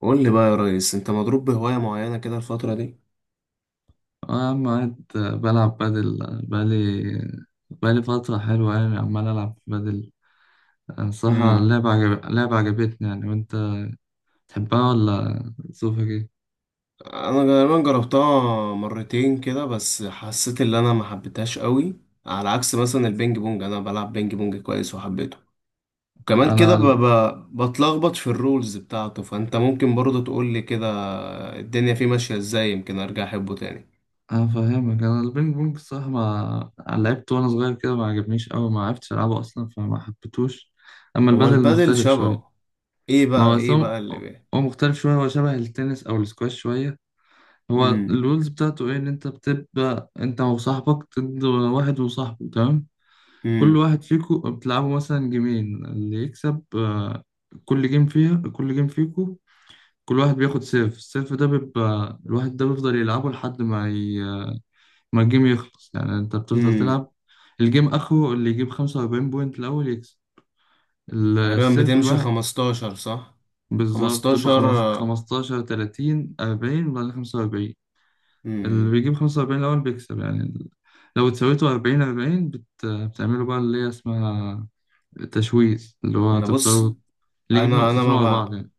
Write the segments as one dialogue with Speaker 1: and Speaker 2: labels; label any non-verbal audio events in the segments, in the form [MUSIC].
Speaker 1: قول لي بقى يا ريس، انت مضروب بهواية معينة كده الفترة دي؟
Speaker 2: أنا عم قاعد بلعب بادل بقالي فترة حلوة يعني عمال ألعب بادل. أنا الصراحة
Speaker 1: امم.
Speaker 2: لعبة عجبتني يعني، وأنت تحبها ولا ظروفك إيه؟
Speaker 1: انا غالبا جربتها مرتين كده، بس حسيت ان انا ما حبيتهاش قوي. على عكس مثلا البينج بونج، انا بلعب بينج بونج كويس وحبيته. وكمان كده
Speaker 2: أنا
Speaker 1: بتلخبط في الرولز بتاعته، فانت ممكن برضه تقول لي كده الدنيا فيه ماشية ازاي، يمكن ارجع احبه تاني.
Speaker 2: أنا فاهمك. أنا البينج بونج الصراحة ما لعبت وأنا صغير كده، ما عجبنيش أوي، ما عرفتش ألعبه أصلا فما حبيتهوش. أما
Speaker 1: هو
Speaker 2: البادل
Speaker 1: البادل
Speaker 2: مختلف شوية.
Speaker 1: شبهه ايه
Speaker 2: ما هو
Speaker 1: بقى ايه
Speaker 2: أصلا
Speaker 1: بقى اللي
Speaker 2: هو
Speaker 1: بيه؟
Speaker 2: هو مختلف شوية، هو شبه التنس أو السكواش شوية. هو
Speaker 1: امم،
Speaker 2: الرولز بتاعته إيه؟ إن أنت بتبقى أنت وصاحبك ضد واحد وصاحبه، تمام؟
Speaker 1: امم،
Speaker 2: كل واحد فيكم بتلعبوا مثلا جيمين اللي يكسب، آه، كل جيم فيكم كل واحد بياخد سيف. السيف ده بيبقى الواحد ده بيفضل يلعبه لحد ما الجيم يخلص، يعني انت بتفضل
Speaker 1: امم.
Speaker 2: تلعب الجيم اخره اللي يجيب 45 بوينت الاول يكسب
Speaker 1: تقريبا
Speaker 2: السيف
Speaker 1: بتمشي
Speaker 2: الواحد.
Speaker 1: 15، صح؟
Speaker 2: بالظبط، تبقى
Speaker 1: 15.
Speaker 2: 15، 30، 40، وبعدين 45. اللي
Speaker 1: امم.
Speaker 2: بيجيب 45 الاول بيكسب يعني. لو اتساويتوا 40، 40، بتعملوا بقى اللي هي اسمها تشويش، اللي هو
Speaker 1: بص،
Speaker 2: تفضلوا اللي يجيب
Speaker 1: انا
Speaker 2: نقطتين ورا بعض يعني.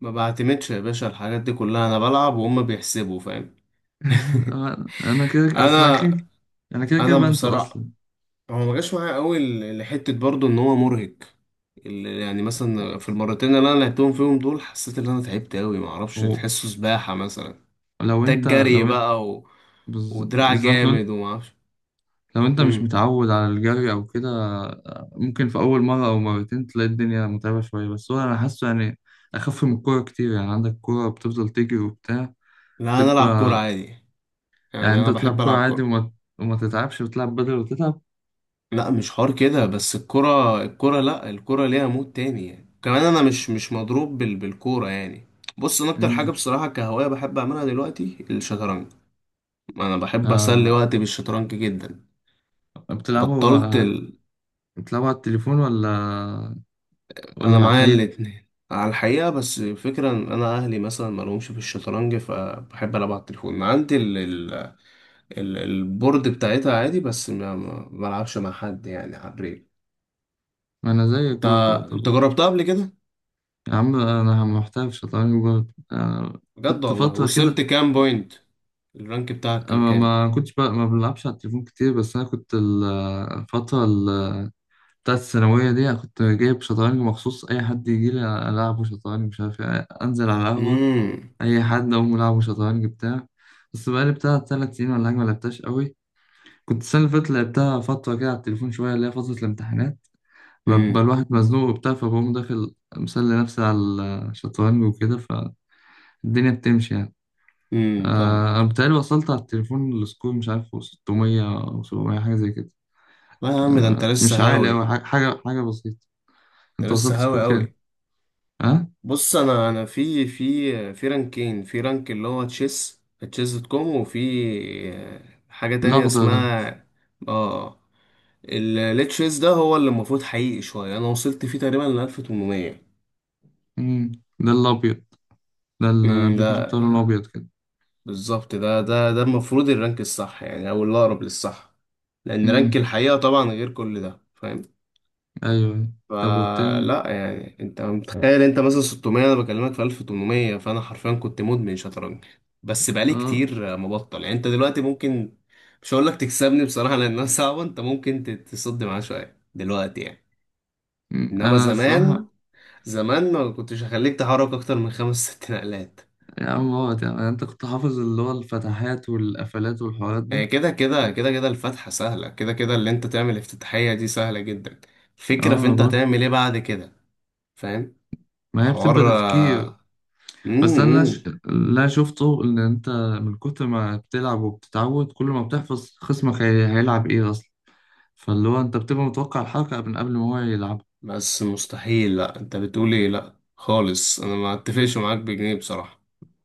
Speaker 1: ما بعتمدش يا باشا، الحاجات دي كلها انا بلعب وهم بيحسبوا، فاهم؟
Speaker 2: [LAUGHS]
Speaker 1: [LAUGHS]
Speaker 2: أنا كده اصلا
Speaker 1: انا
Speaker 2: كده، انا كده كده
Speaker 1: انا
Speaker 2: بنسى
Speaker 1: بصراحه،
Speaker 2: اصلا.
Speaker 1: هو ما جاش معايا قوي لحته، برضو ان هو مرهق. يعني مثلا في المرتين اللي انا لعبتهم فيهم دول، حسيت ان انا تعبت قوي، ما اعرفش،
Speaker 2: هو
Speaker 1: تحسه سباحه مثلا،
Speaker 2: لو
Speaker 1: محتاج
Speaker 2: انت
Speaker 1: جري
Speaker 2: لو انت
Speaker 1: بقى ودراع
Speaker 2: بالظبط، لو انت
Speaker 1: جامد وما اعرفش.
Speaker 2: لو انت مش
Speaker 1: امم.
Speaker 2: متعود على الجري او كده، ممكن في اول مره او مرتين تلاقي الدنيا متعبه شويه. بس هو انا حاسه يعني اخف من الكوره كتير. يعني عندك كوره بتفضل تجري وبتاع،
Speaker 1: لا، انا العب كوره
Speaker 2: بتبقى.
Speaker 1: عادي،
Speaker 2: يعني
Speaker 1: يعني
Speaker 2: انت
Speaker 1: انا
Speaker 2: تلعب
Speaker 1: بحب
Speaker 2: كوره
Speaker 1: العب
Speaker 2: عادي
Speaker 1: كوره.
Speaker 2: وما تتعبش، بتلعب بدل وتتعب.
Speaker 1: لا مش حوار كده، بس الكرة، لا، الكرة ليها مود تاني يعني. كمان انا مش مضروب بالكورة يعني. بص، انا اكتر حاجة
Speaker 2: مم.
Speaker 1: بصراحة كهواية بحب اعملها دلوقتي الشطرنج. انا بحب اسلي
Speaker 2: آه،
Speaker 1: وقتي بالشطرنج جدا. بطلت
Speaker 2: بتلعبوا
Speaker 1: ال...
Speaker 2: بتلعبوا على التليفون، ولا
Speaker 1: انا
Speaker 2: ولا على
Speaker 1: معايا
Speaker 2: الحقيقه؟
Speaker 1: الاتنين على الحقيقة، بس الفكرة ان انا اهلي مثلا ما لهمش في الشطرنج، فبحب العب على التليفون. عندي البورد بتاعتها عادي، بس ما بلعبش مع حد يعني على الريل.
Speaker 2: ما انا زيك
Speaker 1: انت
Speaker 2: برضه
Speaker 1: انت
Speaker 2: طبعا.
Speaker 1: جربتها قبل كده؟
Speaker 2: يا عم انا محترف شطرنج برضه أنا.
Speaker 1: بجد
Speaker 2: كنت
Speaker 1: والله،
Speaker 2: فترة
Speaker 1: وصلت
Speaker 2: كده.
Speaker 1: كام بوينت؟ الرانك بتاعك كان
Speaker 2: ما
Speaker 1: كام؟
Speaker 2: ما كنتش بقى ما بلعبش على التليفون كتير، بس انا كنت الفترة بتاعت الثانوية دي. أنا كنت جايب شطرنج مخصوص، اي حد يجي لي العبه شطرنج مش عارف إيه، انزل على القهوة
Speaker 1: امم،
Speaker 2: اي حد اقوم العبه شطرنج بتاع. بس بقالي بتاع 3 سنين ولا حاجة ما لعبتهاش قوي. كنت السنة اللي فاتت لعبتها فترة كده على التليفون شوية، اللي هي فترة الامتحانات، ببقى
Speaker 1: امم،
Speaker 2: الواحد مزنوق وبتاع، فبقوم داخل مسلي نفسي على الشطرنج وكده، الدنيا بتمشي يعني.
Speaker 1: امم.
Speaker 2: آه،
Speaker 1: فاهمك.
Speaker 2: أنا بتهيألي وصلت على التليفون السكور مش عارف 600 أو 700، حاجة زي كده.
Speaker 1: لا يا عم، ده انت
Speaker 2: آه، مش
Speaker 1: لسه
Speaker 2: عالي أوي،
Speaker 1: هاوي،
Speaker 2: حاجة بسيطة.
Speaker 1: انت
Speaker 2: أنت وصلت
Speaker 1: لسه هاوي
Speaker 2: سكور كام؟
Speaker 1: قوي.
Speaker 2: ها؟
Speaker 1: بص، انا في رانكين، في رانك اللي هو تشيس. تشيس دوت كوم. وفي آه، حاجة تانية
Speaker 2: الأخضر ده.
Speaker 1: اسمها، اه، التشيس ده هو اللي المفروض حقيقي شوية. انا وصلت فيه تقريبا ل 1800.
Speaker 2: مم. ده الأبيض، ده الأبلكيشن بتاع اللون الأبيض كده.
Speaker 1: بالظبط، ده المفروض الرانك الصح يعني، او اللي اقرب للصح، لان رانك
Speaker 2: مم.
Speaker 1: الحقيقه طبعا غير كل ده، فاهم؟
Speaker 2: أيوه، أيوه. طب والتاني؟
Speaker 1: فلا يعني، انت متخيل انت مثلا 600، انا بكلمك في 1800، فانا حرفيا كنت مدمن شطرنج. بس بقالي
Speaker 2: أه.
Speaker 1: كتير مبطل، يعني انت دلوقتي ممكن، مش هقول لك تكسبني بصراحه لانها [LAUGHS] صعبه، انت ممكن تصد معاه شويه دلوقتي يعني.
Speaker 2: مم.
Speaker 1: انما
Speaker 2: أنا
Speaker 1: زمان،
Speaker 2: الصراحة.
Speaker 1: زمان ما كنتش هخليك تحرك اكتر من خمس ست نقلات.
Speaker 2: يا عم بابا، يعني أنت كنت حافظ اللي هو الفتحات والقفلات والحوارات
Speaker 1: آه،
Speaker 2: دي؟
Speaker 1: كده كده كده كده، الفتحة سهلة، كده كده اللي انت تعمل افتتاحية دي سهلة جدا،
Speaker 2: أه،
Speaker 1: الفكرة في
Speaker 2: أنا
Speaker 1: انت
Speaker 2: برضه.
Speaker 1: هتعمل ايه بعد كده، فاهم؟
Speaker 2: ما هي بتبقى
Speaker 1: حوار،
Speaker 2: تفكير.
Speaker 1: آه، مم،
Speaker 2: بس انا
Speaker 1: مم.
Speaker 2: لا، شفته ان انت من كتر ما بتلعب وبتتعود، كل ما بتحفظ خصمك هيلعب ايه اصلا، فاللي هو انت بتبقى متوقع الحركة من قبل ما هو يلعب.
Speaker 1: بس مستحيل، لا انت بتقول ايه، لا خالص، انا ما اتفقش معاك بجنيه بصراحة.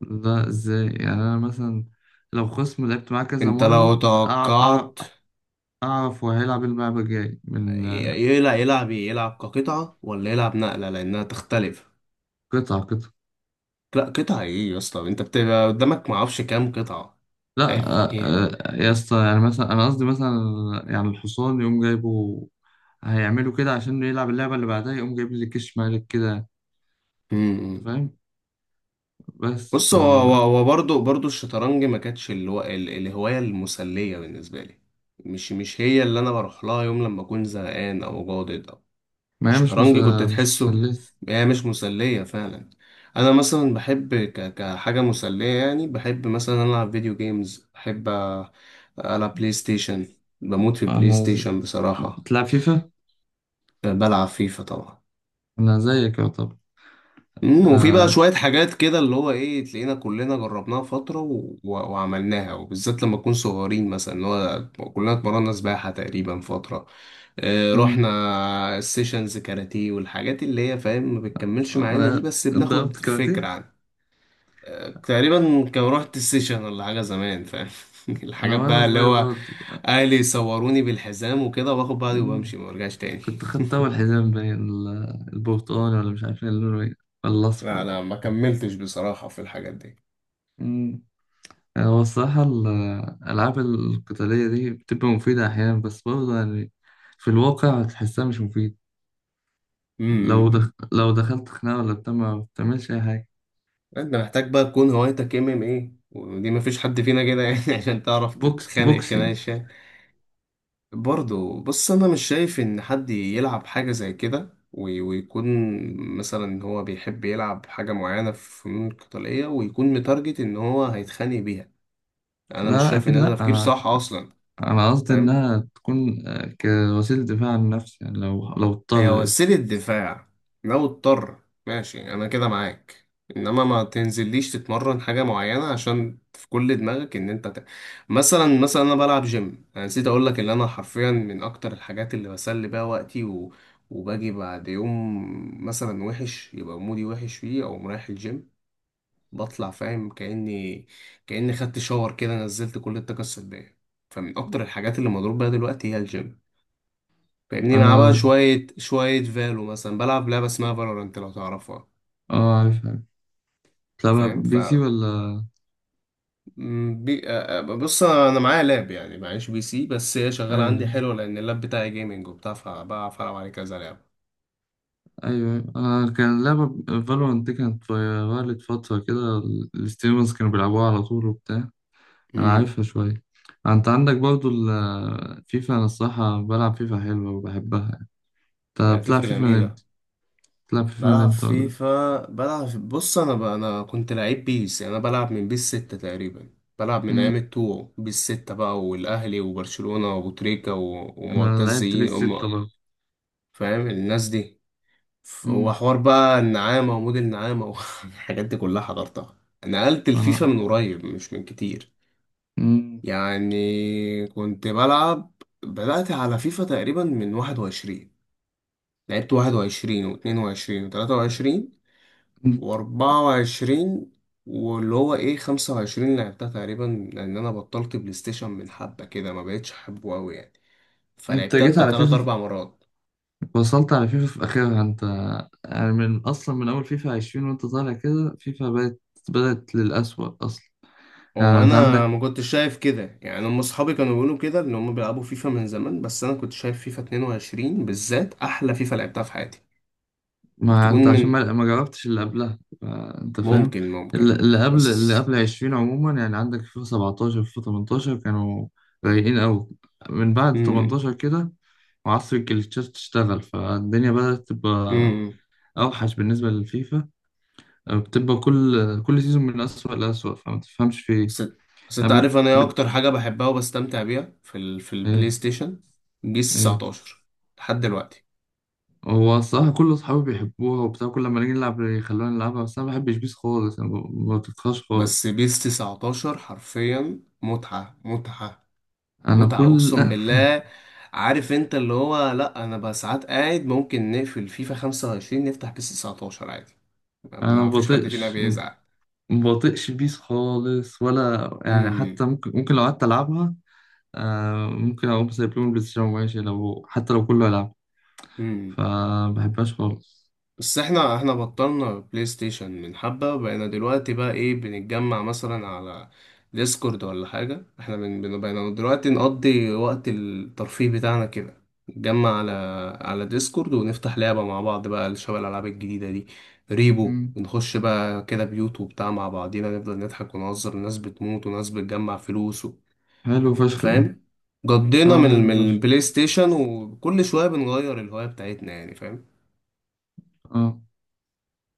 Speaker 2: ده ازاي يعني؟ انا مثلا لو خصم لعبت معاه كذا
Speaker 1: انت لو
Speaker 2: مرة،
Speaker 1: توقعت
Speaker 2: اعرف هو هيلعب إيه اللعبة الجاي من،
Speaker 1: يلعب ايه، يلعب كقطعة ولا يلعب نقلة، لانها تختلف.
Speaker 2: قطعة قطعة.
Speaker 1: لا قطعة ايه يا اسطى، انت بتبقى قدامك معرفش كام قطعة. فاهم
Speaker 2: لا،
Speaker 1: ايه؟
Speaker 2: يا اسطى يعني، مثلا انا قصدي مثلا يعني الحصان يقوم جايبه هيعملوا كده عشان يلعب اللعبة اللي بعدها، يقوم جايب لي كش مالك كده.
Speaker 1: مم،
Speaker 2: انت
Speaker 1: مم.
Speaker 2: فاهم؟ بس
Speaker 1: بص،
Speaker 2: ف
Speaker 1: هو برضه الشطرنج ما كانتش اللي هو الهواية المسلية بالنسبة لي، مش هي اللي أنا بروح لها يوم لما أكون زهقان أو جادد أو،
Speaker 2: ما هي
Speaker 1: الشطرنج كنت
Speaker 2: مش
Speaker 1: تحسه،
Speaker 2: مسلية.
Speaker 1: هي مش مسلية فعلا. أنا مثلا بحب كحاجة مسلية، يعني بحب مثلا ألعب فيديو جيمز، بحب ألعب بلاي ستيشن. بموت في بلاي
Speaker 2: أنا ز...
Speaker 1: ستيشن بصراحة.
Speaker 2: بتلعب فيفا؟
Speaker 1: بلعب فيفا طبعا.
Speaker 2: أنا زيك يعتبر.
Speaker 1: وفي بقى
Speaker 2: آه...
Speaker 1: شوية حاجات كده اللي هو ايه، تلاقينا كلنا جربناها فترة وعملناها، وبالذات لما نكون صغيرين مثلا، اللي هو كلنا اتمرنا سباحة تقريبا فترة. اه، رحنا
Speaker 2: مم.
Speaker 1: السيشنز كاراتيه والحاجات اللي هي، فاهم، ما بتكملش معانا دي،
Speaker 2: أنا
Speaker 1: بس بناخد
Speaker 2: ضربت
Speaker 1: فكرة
Speaker 2: كاراتيه
Speaker 1: عن. تقريبا كان رحت السيشن ولا حاجة زمان، فاهم؟ [LAUGHS]
Speaker 2: أنا
Speaker 1: الحاجات
Speaker 2: وأنا
Speaker 1: بقى اللي
Speaker 2: صغير
Speaker 1: هو،
Speaker 2: برضه.
Speaker 1: اهلي صوروني بالحزام وكده، واخد بعضي وبمشي
Speaker 2: مم.
Speaker 1: ما برجعش تاني.
Speaker 2: كنت خدت أول حزام بين البرتقالي، ولا مش عارف إيه اللون إيه، ولا
Speaker 1: [LAUGHS] لا،
Speaker 2: الأصفر.
Speaker 1: لا، ما كملتش بصراحة في الحاجات
Speaker 2: مم. هو الصراحة الألعاب القتالية دي بتبقى مفيدة أحيانا، بس برضه يعني في الواقع تحسها مش مفيد.
Speaker 1: دي.
Speaker 2: لو دخلت خناقة ولا بتاع ما بتعملش أي حاجة.
Speaker 1: انت محتاج بقى تكون هوايتك ام ام ايه، ودي مفيش حد فينا كده يعني [LAUGHS] عشان تعرف تتخانق خناقه.
Speaker 2: بوكسينج.
Speaker 1: برضو، بص انا مش شايف ان حد يلعب حاجه زي كده ويكون مثلا هو بيحب يلعب حاجه معينه في فنون قتاليه، ويكون متارجت ان هو هيتخانق بيها. انا مش
Speaker 2: لا، لا،
Speaker 1: شايف ان
Speaker 2: أكيد
Speaker 1: ده
Speaker 2: لا.
Speaker 1: تفكير صح اصلا.
Speaker 2: انا قصدي
Speaker 1: فاهم،
Speaker 2: انها تكون، آه، كوسيله دفاع عن النفس يعني لو
Speaker 1: هي
Speaker 2: اضطر.
Speaker 1: وسيلة دفاع لو اضطر، ماشي أنا كده معاك. إنما ما تنزليش تتمرن حاجة معينة عشان في كل دماغك إن أنت. مثلا أنا بلعب جيم، أنا نسيت أقولك إن أنا حرفيا من أكتر الحاجات اللي بسلي بيها وقتي وباجي بعد يوم مثلا وحش، يبقى مودي وحش فيه أو رايح الجيم، بطلع فاهم كأني خدت شاور كده، نزلت كل الطاقة السلبية. فمن أكتر الحاجات اللي مضروب بيها دلوقتي هي الجيم، فاهمني؟ مع بقى
Speaker 2: انا
Speaker 1: شوية شوية فالو، مثلا بلعب لعبة اسمها فالورانت لو تعرفها؟
Speaker 2: اه عارفها. بتلعبها
Speaker 1: فاهم ف
Speaker 2: بي سي ولا؟
Speaker 1: م- بي... آه، آه، بص، انا معايا لاب يعني، معيش بي سي، بس هي شغالة عندي
Speaker 2: ايوه،
Speaker 1: حلو لان اللاب بتاعي جيمنج وبتاع، فبعرف العب عليه كذا لعبة.
Speaker 2: ايوه، أيوه. انا كان لعبه فالورانت دي كانت فايرالت فتره كده، الستريمرز كانوا بيلعبوها على طول وبتاع. انا
Speaker 1: امم.
Speaker 2: عارفها شويه. انت عندك برضو الفيفا. انا الصراحه بلعب فيفا حلوه وبحبها. انت
Speaker 1: يعني
Speaker 2: بتلعب
Speaker 1: فيفا
Speaker 2: فيفا من
Speaker 1: جميلة.
Speaker 2: امتى بتلعب فيفا من
Speaker 1: بلعب
Speaker 2: امتى ولا؟
Speaker 1: فيفا، بص، انا كنت لعيب بيس، يعني انا بلعب من بيس 6 تقريبا. بلعب من
Speaker 2: مم.
Speaker 1: ايام التو، بيس 6 بقى، والاهلي وبرشلونة وابو تريكة
Speaker 2: انا
Speaker 1: ومعتز
Speaker 2: لعبت بيس 6 برضه.
Speaker 1: فاهم الناس دي.
Speaker 2: مم.
Speaker 1: وحوار بقى النعامة ومود النعامة والحاجات [LAUGHS] دي كلها حضرتها. نقلت الفيفا
Speaker 2: انا.
Speaker 1: من قريب مش من كتير،
Speaker 2: مم.
Speaker 1: يعني كنت بلعب بدأت على فيفا تقريبا من 21. لعبت 21 واتنين وعشرين وتلاتة وعشرين وأربعة وعشرين، واللي هو ايه 25 لعبتها تقريبا، لأن أنا بطلت بلاي ستيشن من حبة كده، ما بقتش أحبه أوي يعني،
Speaker 2: انت
Speaker 1: فلعبتها
Speaker 2: جيت
Speaker 1: بتاع
Speaker 2: على
Speaker 1: تلات
Speaker 2: فيفا
Speaker 1: أربع مرات.
Speaker 2: وصلت على فيفا في آخرها أنت. يعني من أصلا من أول فيفا 20 وأنت طالع كده، فيفا بدأت للأسوأ أصلا. يعني أنت
Speaker 1: وانا
Speaker 2: عندك
Speaker 1: ما كنتش شايف كده يعني، هم اصحابي كانوا بيقولوا كده ان هم بيلعبوا فيفا من زمان، بس انا كنت شايف فيفا 22 بالذات احلى فيفا لعبتها في حياتي. ممكن
Speaker 2: ما
Speaker 1: تكون
Speaker 2: أنت عشان
Speaker 1: من،
Speaker 2: ما جربتش اللي قبلها، آه، أنت فاهم.
Speaker 1: ممكن
Speaker 2: اللي
Speaker 1: ممكن
Speaker 2: اللي قبل اللي
Speaker 1: بس،
Speaker 2: قبل 20 عموما، يعني عندك فيفا 17، فيفا 18 كانوا رايقين أوي. من بعد
Speaker 1: امم،
Speaker 2: 18 كده وعصر الجليتشات تشتغل، فالدنيا بدأت تبقى
Speaker 1: امم.
Speaker 2: أوحش بالنسبة للفيفا. آه، بتبقى كل سيزون من أسوأ لأسوأ، فما تفهمش في
Speaker 1: بس
Speaker 2: إيه،
Speaker 1: بس انت عارف انا ايه اكتر حاجه بحبها وبستمتع بيها في البلاي
Speaker 2: إيه،
Speaker 1: ستيشن؟ بيس
Speaker 2: إيه.
Speaker 1: 19 لحد دلوقتي.
Speaker 2: هو الصراحة كل أصحابي بيحبوها وبتاع، كل لما نيجي نلعب يخلونا نلعبها، بس أنا ما بحبش بيس خالص، أنا ما بطيقهاش
Speaker 1: بس
Speaker 2: خالص.
Speaker 1: بيس 19 حرفيا متعه، متعه،
Speaker 2: أنا
Speaker 1: متعة،
Speaker 2: كل
Speaker 1: أقسم
Speaker 2: [LAUGHS]
Speaker 1: بالله. عارف أنت اللي هو، لأ أنا بقى ساعات قاعد، ممكن نقفل فيفا 25 نفتح بيس 19 عادي، ما
Speaker 2: أنا ما
Speaker 1: ما فيش حد فينا
Speaker 2: بطيقش
Speaker 1: بيزعل.
Speaker 2: ما بطيقش بيس خالص ولا يعني حتى،
Speaker 1: امم،
Speaker 2: ممكن لو قعدت ألعبها، آه، ممكن أقوم سايب لهم البلاي ستيشن وماشي، لو حتى لو كله يلعب.
Speaker 1: امم.
Speaker 2: فما بحبهاش خالص.
Speaker 1: بس احنا بطلنا بلاي ستيشن من حبة، وبقينا دلوقتي بقى ايه بنتجمع مثلا على ديسكورد ولا حاجة. احنا بقينا دلوقتي نقضي وقت الترفيه بتاعنا كده، نتجمع على، ديسكورد، ونفتح لعبة مع بعض بقى شبه الألعاب الجديدة دي، ريبو،
Speaker 2: مم.
Speaker 1: ونخش بقى كده بيوت وبتاع مع بعضينا، نفضل نضحك ونهزر وناس بتموت وناس بتجمع فلوس
Speaker 2: حلو فشخ ده.
Speaker 1: فاهم. قضينا
Speaker 2: اه،
Speaker 1: من
Speaker 2: حلو
Speaker 1: من
Speaker 2: فشخ.
Speaker 1: البلاي ستيشن، وكل شوية بنغير الهواية بتاعتنا يعني، فاهم.
Speaker 2: اه.